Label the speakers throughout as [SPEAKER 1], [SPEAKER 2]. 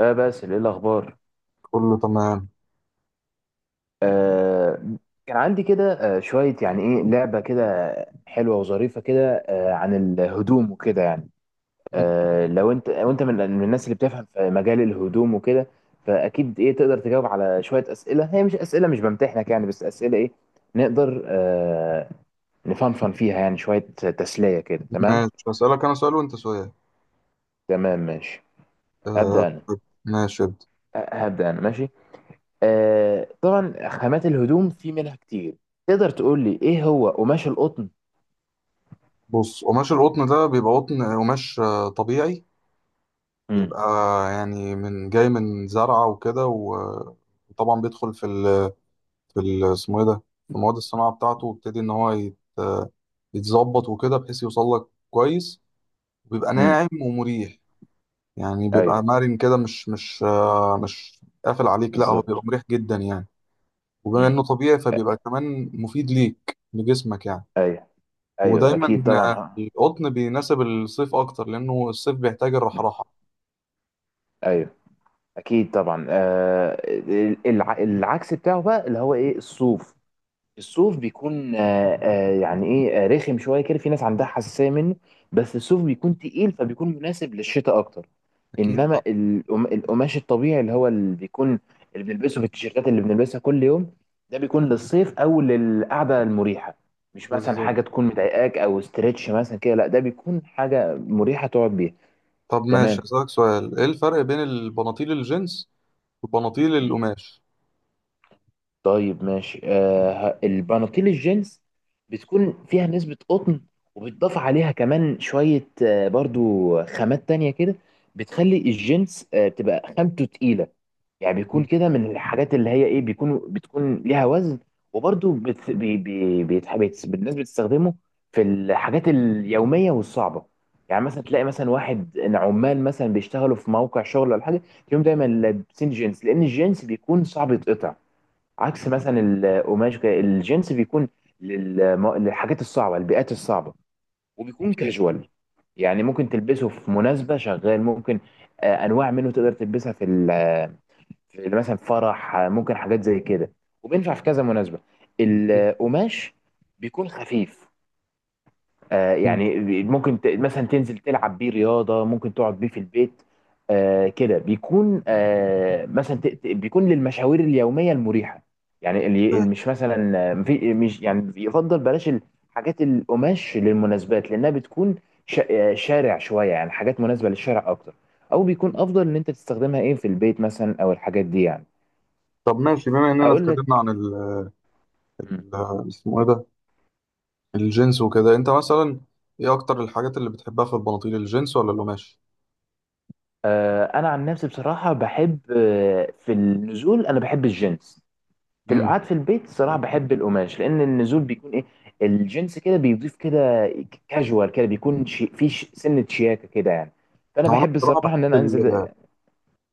[SPEAKER 1] اه باسل ايه الاخبار؟
[SPEAKER 2] كله تمام.
[SPEAKER 1] آه كان عندي كده شويه يعني لعبه كده حلوه وظريفه كده عن الهدوم وكده يعني.
[SPEAKER 2] مم.
[SPEAKER 1] لو انت وانت من الناس اللي بتفهم في مجال الهدوم وكده، فاكيد تقدر تجاوب على شويه اسئله، هي مش اسئله، مش بمتحنك يعني، بس اسئله نقدر نفنفن فيها يعني شويه، تسليه كده. تمام
[SPEAKER 2] ماشي، هسألك أنا سؤال وأنت سؤال.
[SPEAKER 1] تمام ماشي. ابدا انا.
[SPEAKER 2] طيب. ماشي، ابدأ.
[SPEAKER 1] هبدا انا ماشي. طبعا خامات الهدوم في منها كتير، تقدر تقول لي ايه هو قماش القطن؟
[SPEAKER 2] بص، قماش القطن ده بيبقى قطن قماش طبيعي،
[SPEAKER 1] امم.
[SPEAKER 2] بيبقى يعني من جاي من زرعة وكده وطبعا بيدخل في ال، اسمه إيه ده، في مواد الصناعة بتاعته، ويبتدي إن هو يتظبط وكده بحيث يوصل لك كويس، وبيبقى
[SPEAKER 1] امم.
[SPEAKER 2] ناعم ومريح. يعني بيبقى
[SPEAKER 1] ايوه.
[SPEAKER 2] مرن كده، مش قافل عليك، لا هو
[SPEAKER 1] بالظبط.
[SPEAKER 2] بيبقى مريح جدا يعني. وبما
[SPEAKER 1] مم.
[SPEAKER 2] انه طبيعي فبيبقى كمان مفيد ليك لجسمك يعني.
[SPEAKER 1] ايوه، ايوه
[SPEAKER 2] ودايما
[SPEAKER 1] اكيد طبعا. ها.
[SPEAKER 2] القطن بيناسب الصيف اكتر لانه الصيف بيحتاج
[SPEAKER 1] مم.
[SPEAKER 2] الرحراحه.
[SPEAKER 1] ايوه اكيد طبعا. العكس بتاعه بقى اللي هو ايه، الصوف. الصوف بيكون يعني ايه، رخم شويه كده، في ناس عندها حساسيه منه، بس الصوف بيكون تقيل فبيكون مناسب للشتاء اكتر.
[SPEAKER 2] اكيد طبعا.
[SPEAKER 1] انما القماش الطبيعي اللي هو اللي بيكون، اللي بنلبسه في التيشيرتات اللي بنلبسها كل يوم، ده بيكون للصيف او للقعده المريحه، مش مثلا
[SPEAKER 2] بالظبط.
[SPEAKER 1] حاجه تكون مضايقاك او استرتش مثلا كده، لا ده بيكون حاجه مريحه تقعد بيها.
[SPEAKER 2] طب ماشي،
[SPEAKER 1] تمام.
[SPEAKER 2] اسالك سؤال: ايه الفرق بين البناطيل الجينز وبناطيل
[SPEAKER 1] مم.
[SPEAKER 2] القماش؟
[SPEAKER 1] طيب ماشي. البناطيل الجينز بتكون فيها نسبة قطن، وبتضاف عليها كمان شوية برضو خامات تانية كده، بتخلي الجينز بتبقى خامته تقيلة، يعني بيكون
[SPEAKER 2] مم.
[SPEAKER 1] كده من الحاجات اللي هي ايه، بتكون ليها وزن. وبرده بت... بي... بي... بيتح... بيت... الناس بتستخدمه في الحاجات اليوميه والصعبه. يعني مثلا تلاقي مثلا واحد، إن عمال مثلا بيشتغلوا في موقع شغل ولا حاجه، تلاقيهم دايما لابسين جينز، لان الجينز بيكون صعب يتقطع عكس مثلا القماش كده. الجينز بيكون للحاجات الصعبه، البيئات الصعبه، وبيكون
[SPEAKER 2] اكيد.
[SPEAKER 1] كاجوال، يعني ممكن تلبسه في مناسبه، شغال ممكن، انواع منه تقدر تلبسها في في مثلا فرح، ممكن حاجات زي كده، وبينفع في كذا مناسبة. القماش بيكون خفيف،
[SPEAKER 2] مم.
[SPEAKER 1] يعني ممكن مثلا تنزل تلعب بيه رياضة، ممكن تقعد بيه في البيت، كده بيكون مثلا بيكون للمشاوير اليومية المريحة. يعني اللي مش مثلا مش يعني، يفضل بلاش الحاجات القماش للمناسبات، لأنها بتكون شارع شوية، يعني حاجات مناسبة للشارع أكتر، أو بيكون أفضل إن أنت تستخدمها إيه في البيت مثلا أو الحاجات دي يعني.
[SPEAKER 2] طب ماشي، بما اننا
[SPEAKER 1] هقول
[SPEAKER 2] اتكلمنا عن
[SPEAKER 1] لك. مم.
[SPEAKER 2] اسمه ايه ده، الجينز وكده، انت مثلا ايه اكتر الحاجات اللي بتحبها، في البناطيل الجينز ولا القماش؟
[SPEAKER 1] انا عن نفسي بصراحه بحب، في النزول انا بحب الجينز، في
[SPEAKER 2] امم.
[SPEAKER 1] القعاد في البيت صراحه بحب القماش، لان النزول بيكون ايه، الجينز كده بيضيف كده كاجوال كده، بيكون شي في سنه شياكه كده يعني، فانا
[SPEAKER 2] هو انا
[SPEAKER 1] بحب
[SPEAKER 2] بصراحه
[SPEAKER 1] الصراحه ان انا
[SPEAKER 2] بحب
[SPEAKER 1] انزل.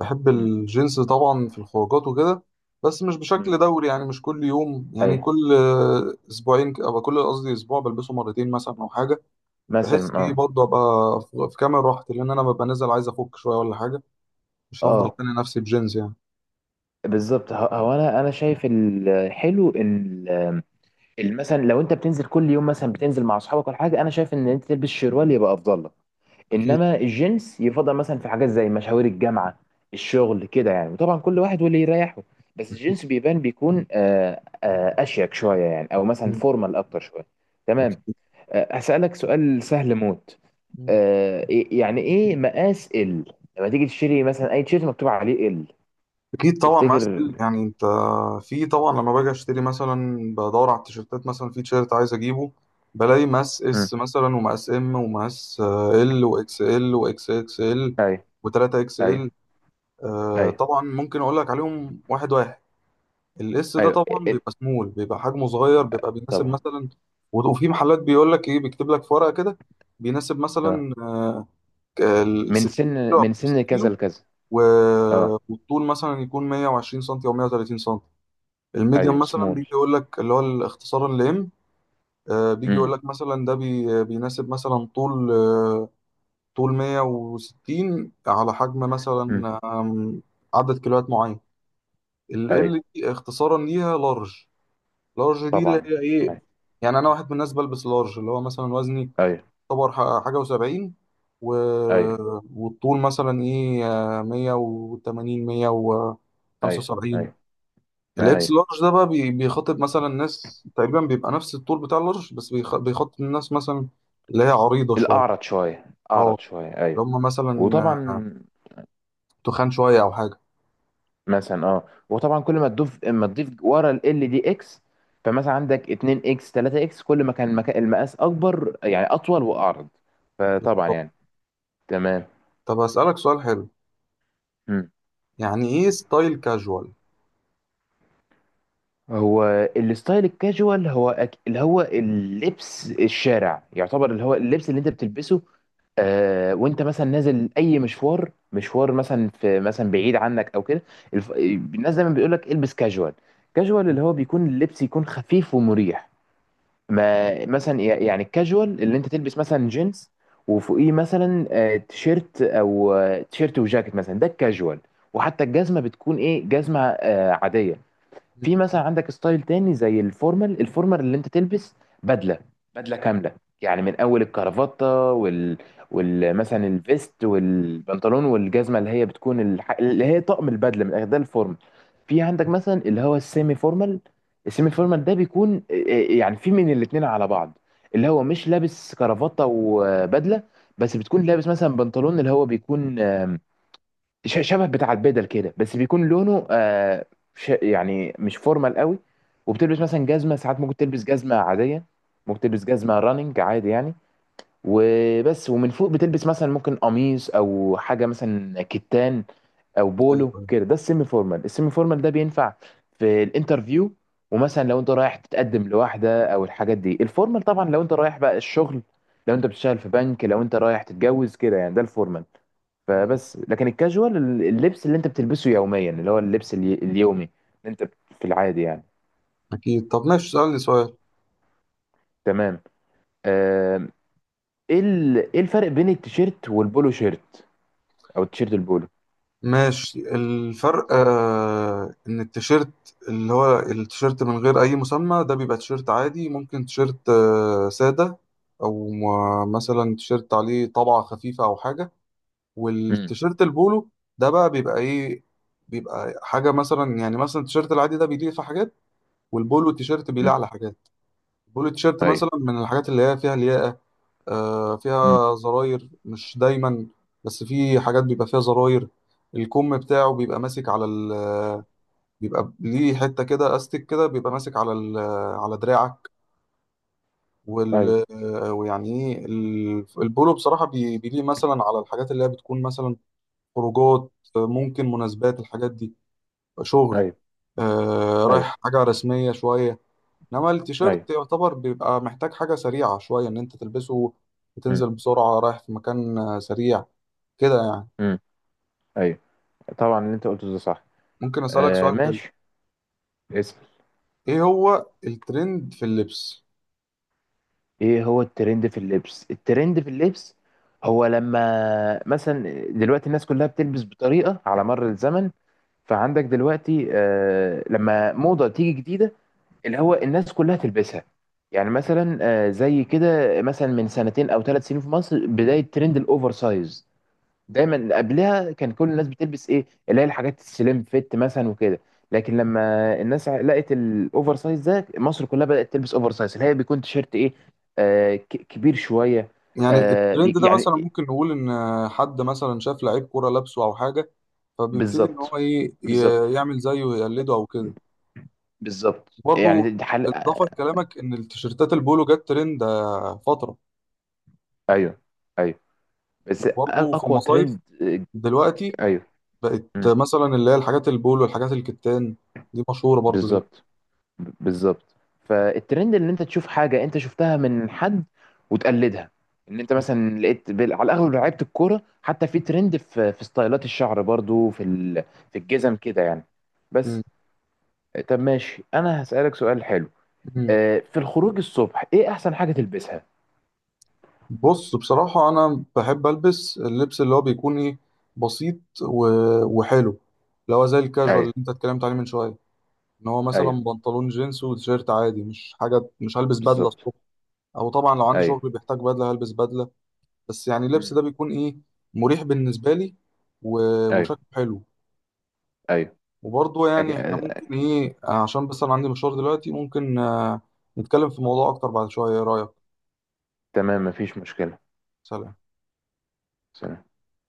[SPEAKER 2] بحب
[SPEAKER 1] مم.
[SPEAKER 2] الجنس طبعا في الخروجات وكده، بس مش بشكل
[SPEAKER 1] مم.
[SPEAKER 2] دوري، يعني مش كل يوم، يعني
[SPEAKER 1] ايوه.
[SPEAKER 2] كل اسبوعين، أو كل، قصدي اسبوع، بلبسه مرتين مثلا او حاجه، بحيث
[SPEAKER 1] مثلا
[SPEAKER 2] ايه
[SPEAKER 1] اه.
[SPEAKER 2] برضه ابقى في كامل راحتي، لان انا ببقى نازل عايز افك شويه ولا حاجه، مش هفضل
[SPEAKER 1] اه
[SPEAKER 2] خانق نفسي بجينز يعني.
[SPEAKER 1] بالظبط. هو انا شايف الحلو ان ال- مثلا لو انت بتنزل كل يوم، مثلا بتنزل مع اصحابك ولا حاجه، انا شايف ان انت تلبس شروال يبقى افضل لك.
[SPEAKER 2] اكيد.
[SPEAKER 1] انما الجنس يفضل مثلا في حاجات زي مشاوير الجامعه، الشغل كده يعني، وطبعا كل واحد واللي يريحه، بس الجنس بيبان بيكون اشيك شويه يعني، او مثلا
[SPEAKER 2] اكيد.
[SPEAKER 1] فورمال اكتر شويه. تمام.
[SPEAKER 2] اكيد.
[SPEAKER 1] هسالك سؤال سهل موت. يعني ايه مقاس ال، لما تيجي تشتري مثلا اي تيشيرت مكتوب عليه ال،
[SPEAKER 2] اكيد طبعا، معايا
[SPEAKER 1] تفتكر؟
[SPEAKER 2] سكيل. يعني انت في، طبعا لما باجي اشتري مثلا، بدور على التيشيرتات، مثلا في تيشيرت عايز اجيبه، بلاقي مقاس
[SPEAKER 1] مم.
[SPEAKER 2] اس مثلا، ومقاس ام، ومقاس ال واكس ال، واكس اكس ال،
[SPEAKER 1] ايوه.
[SPEAKER 2] و3 اكس ال.
[SPEAKER 1] ايوه. ايوه.
[SPEAKER 2] طبعا ممكن اقول لك عليهم واحد واحد. الاس ده
[SPEAKER 1] ايوه. إيه-
[SPEAKER 2] طبعا
[SPEAKER 1] إيه،
[SPEAKER 2] بيبقى سمول، بيبقى حجمه صغير، بيبقى بيناسب
[SPEAKER 1] طبعا.
[SPEAKER 2] مثلا، وفي محلات بيقول لك ايه، بيكتب لك في ورقه كده: بيناسب
[SPEAKER 1] اه.
[SPEAKER 2] مثلا ال
[SPEAKER 1] من
[SPEAKER 2] 60 كيلو
[SPEAKER 1] سن،
[SPEAKER 2] او
[SPEAKER 1] من
[SPEAKER 2] 50
[SPEAKER 1] سن كذا
[SPEAKER 2] كيلو،
[SPEAKER 1] لكذا.
[SPEAKER 2] و...
[SPEAKER 1] اه.
[SPEAKER 2] والطول مثلا يكون 120 سم او 130 سم. الميديم
[SPEAKER 1] ايوه
[SPEAKER 2] مثلا
[SPEAKER 1] سمول.
[SPEAKER 2] بيجي يقول لك، اللي هو الاختصار اللي ام، بيجي يقول
[SPEAKER 1] امم.
[SPEAKER 2] لك مثلا ده بيناسب مثلا، طول 160، على حجم مثلا عدد كيلوات معين.
[SPEAKER 1] ايوه.
[SPEAKER 2] ال دي اختصارا ليها لارج. لارج دي اللي
[SPEAKER 1] طبعا.
[SPEAKER 2] هي ايه، يعني انا واحد من الناس بلبس لارج، اللي هو مثلا وزني
[SPEAKER 1] ايوه.
[SPEAKER 2] يعتبر حاجه و70، و...
[SPEAKER 1] ايوه.
[SPEAKER 2] والطول مثلا ايه 180،
[SPEAKER 1] ايوه.
[SPEAKER 2] 175.
[SPEAKER 1] ايوه. ما
[SPEAKER 2] الاكس
[SPEAKER 1] ايوه.
[SPEAKER 2] لارج ده بقى بيخاطب مثلا ناس تقريبا، بيبقى نفس الطول بتاع اللارج، بس بيخاطب الناس مثلا اللي هي عريضة شوية،
[SPEAKER 1] الاعرض شويه.
[SPEAKER 2] اه،
[SPEAKER 1] اعرض شويه ايوه.
[SPEAKER 2] اللي هم مثلا
[SPEAKER 1] وطبعا
[SPEAKER 2] تخان شوية أو حاجة.
[SPEAKER 1] مثلا اه. وطبعا كل ما تضيف ورا ال دي اكس، فمثلا عندك 2 اكس 3 اكس، كل ما كان المقاس اكبر، يعني اطول واعرض، فطبعا يعني. تمام.
[SPEAKER 2] طب أسألك سؤال حلو:
[SPEAKER 1] مم.
[SPEAKER 2] يعني إيه ستايل كاجوال؟
[SPEAKER 1] هو الستايل الكاجوال هو اللي هو اللبس الشارع يعتبر، اللي هو اللبس اللي انت بتلبسه وانت مثلا نازل اي مشوار، مثلا في مثلا بعيد عنك او كده. الناس دايما بيقول لك البس كاجوال. كاجوال اللي هو بيكون اللبس يكون خفيف ومريح. ما مثلا يعني الكاجوال اللي انت تلبس مثلا جينز وفوقيه مثلا تيشيرت او تيشيرت وجاكيت مثلا، ده الكاجوال، وحتى الجزمه بتكون ايه، جزمه عاديه. في مثلا عندك ستايل تاني زي الفورمال. الفورمال اللي انت تلبس بدله، بدله كامله، يعني من اول الكرافته وال مثلا الفيست والبنطلون والجزمه اللي هي بتكون اللي هي طقم البدله من الآخر، ده الفورمال. في عندك مثلا اللي هو السيمي فورمال. السيمي فورمال ده بيكون يعني في من الاتنين على بعض، اللي هو مش لابس كرافته وبدله، بس بتكون لابس مثلا بنطلون اللي هو بيكون شبه بتاع البدل كده، بس بيكون لونه آه ش يعني مش فورمال قوي. وبتلبس مثلا جزمه، ساعات ممكن تلبس جزمه عاديه، ممكن تلبس جزمه راننج عادي يعني. وبس. ومن فوق بتلبس مثلا ممكن قميص او حاجه مثلا كتان او بولو
[SPEAKER 2] أيوه.
[SPEAKER 1] كده، ده السيمي فورمال. السيمي فورمال ده بينفع في الانترفيو، ومثلا لو انت رايح تتقدم لواحده او الحاجات دي. الفورمال طبعا لو انت رايح بقى الشغل، لو انت بتشتغل في بنك، لو انت رايح تتجوز كده يعني، ده الفورمال.
[SPEAKER 2] أيوه.
[SPEAKER 1] فبس لكن الكاجوال اللبس اللي انت بتلبسه يوميا، اللي هو اللبس اليومي اللي انت في العادي يعني.
[SPEAKER 2] أكيد. طب ماشي، سألني سؤال.
[SPEAKER 1] تمام. آم، ايه ايه الفرق بين التيشيرت والبولو شيرت، او التيشيرت البولو؟
[SPEAKER 2] ماشي، الفرق ان التيشيرت، اللي هو التيشيرت من غير اي مسمى ده بيبقى تيشيرت عادي، ممكن تيشيرت سادة، او مثلا تيشيرت عليه طبعة خفيفة او حاجة.
[SPEAKER 1] امم.
[SPEAKER 2] والتيشيرت البولو ده بقى بيبقى ايه، بيبقى حاجة مثلا. يعني مثلا التيشيرت العادي ده بيليق في حاجات، والبولو التيشيرت بيليق
[SPEAKER 1] امم.
[SPEAKER 2] على حاجات. البولو التيشيرت
[SPEAKER 1] ايوه.
[SPEAKER 2] مثلا من الحاجات اللي هي فيها لياقة،
[SPEAKER 1] امم.
[SPEAKER 2] فيها زراير، مش دايما، بس في حاجات بيبقى فيها زراير. الكم بتاعه بيبقى ماسك على ال، بيبقى ليه حتة كده استك كده، بيبقى ماسك على ال، على دراعك،
[SPEAKER 1] ايوه.
[SPEAKER 2] وال، ويعني ايه البولو، بصراحة بيليه مثلا على الحاجات اللي هي بتكون مثلا خروجات، ممكن مناسبات، الحاجات دي شغل،
[SPEAKER 1] ايوه. ايوه.
[SPEAKER 2] رايح حاجة رسمية شوية. انما
[SPEAKER 1] ايوه.
[SPEAKER 2] التيشيرت يعتبر بيبقى محتاج حاجة سريعة شوية ان انت تلبسه
[SPEAKER 1] امم.
[SPEAKER 2] وتنزل بسرعة رايح في مكان سريع، كده يعني.
[SPEAKER 1] امم. ايوه، طبعا اللي انت قلته ده صح.
[SPEAKER 2] ممكن أسألك
[SPEAKER 1] آه
[SPEAKER 2] سؤال حلو:
[SPEAKER 1] ماشي.
[SPEAKER 2] إيه هو الترند في اللبس؟
[SPEAKER 1] ايه هو الترند في اللبس؟ الترند في اللبس هو لما مثلا دلوقتي الناس كلها بتلبس بطريقة على مر الزمن. فعندك دلوقتي لما موضة تيجي جديدة اللي هو الناس كلها تلبسها، يعني مثلا زي كده مثلا من سنتين او ثلاث سنين في مصر بداية ترند الاوفر سايز.
[SPEAKER 2] مم.
[SPEAKER 1] دايما قبلها كان كل الناس بتلبس ايه، اللي هي الحاجات السليم فيت مثلا وكده. لكن لما الناس لقت الاوفر سايز ده، مصر كلها بدأت تلبس اوفر سايز، اللي هي بيكون تيشيرت ايه، آه ك- كبير شوية.
[SPEAKER 2] يعني
[SPEAKER 1] آه بي
[SPEAKER 2] الترند ده
[SPEAKER 1] يعني
[SPEAKER 2] مثلا ممكن نقول إن حد مثلا شاف لعيب كورة لابسه أو حاجة، فبيبتدي إن هو
[SPEAKER 1] بالظبط.
[SPEAKER 2] إيه،
[SPEAKER 1] بالظبط.
[SPEAKER 2] يعمل زيه ويقلده أو كده.
[SPEAKER 1] بالظبط،
[SPEAKER 2] برضه
[SPEAKER 1] يعني دي حل.
[SPEAKER 2] إضافة لكلامك، إن التيشيرتات البولو جت ترند فترة.
[SPEAKER 1] ايوه. ايوه. بس
[SPEAKER 2] وبرضه في
[SPEAKER 1] اقوى
[SPEAKER 2] المصايف
[SPEAKER 1] ترند
[SPEAKER 2] دلوقتي
[SPEAKER 1] ايوه.
[SPEAKER 2] بقت
[SPEAKER 1] مم.
[SPEAKER 2] مثلا اللي هي الحاجات البولو، الحاجات الكتان، دي مشهورة برضه دلوقتي.
[SPEAKER 1] بالظبط. بالظبط. فالترند ان انت تشوف حاجه انت شفتها من حد وتقلدها، ان انت مثلا لقيت على الاغلب لعيبه الكوره، حتى في ترند في ستايلات الشعر برضو في في الجزم كده يعني.
[SPEAKER 2] مم.
[SPEAKER 1] بس. طب ماشي انا هسألك سؤال حلو،
[SPEAKER 2] مم.
[SPEAKER 1] في الخروج الصبح ايه احسن حاجه تلبسها؟
[SPEAKER 2] بص، بصراحة أنا بحب ألبس اللبس اللي هو بيكون إيه، بسيط و... وحلو، اللي هو زي الكاجوال اللي
[SPEAKER 1] ايوه.
[SPEAKER 2] أنت اتكلمت عليه من شوية، إن هو مثلا
[SPEAKER 1] ايوه
[SPEAKER 2] بنطلون جينز وتيشيرت عادي، مش حاجة، مش هلبس بدلة
[SPEAKER 1] بالظبط.
[SPEAKER 2] الصبح. أو طبعا لو عندي
[SPEAKER 1] ايوه.
[SPEAKER 2] شغل بيحتاج بدلة هلبس بدلة. بس يعني اللبس
[SPEAKER 1] مم.
[SPEAKER 2] ده بيكون إيه، مريح بالنسبة لي و...
[SPEAKER 1] ايوه.
[SPEAKER 2] وشكله حلو.
[SPEAKER 1] ايوه
[SPEAKER 2] وبرضه
[SPEAKER 1] أك...
[SPEAKER 2] يعني إحنا ممكن
[SPEAKER 1] اكيد.
[SPEAKER 2] إيه، عشان بس أنا عندي مشوار دلوقتي، ممكن نتكلم في الموضوع أكتر بعد شوية. إيه رأيك؟
[SPEAKER 1] تمام مفيش مشكله.
[SPEAKER 2] سلام.
[SPEAKER 1] سلام.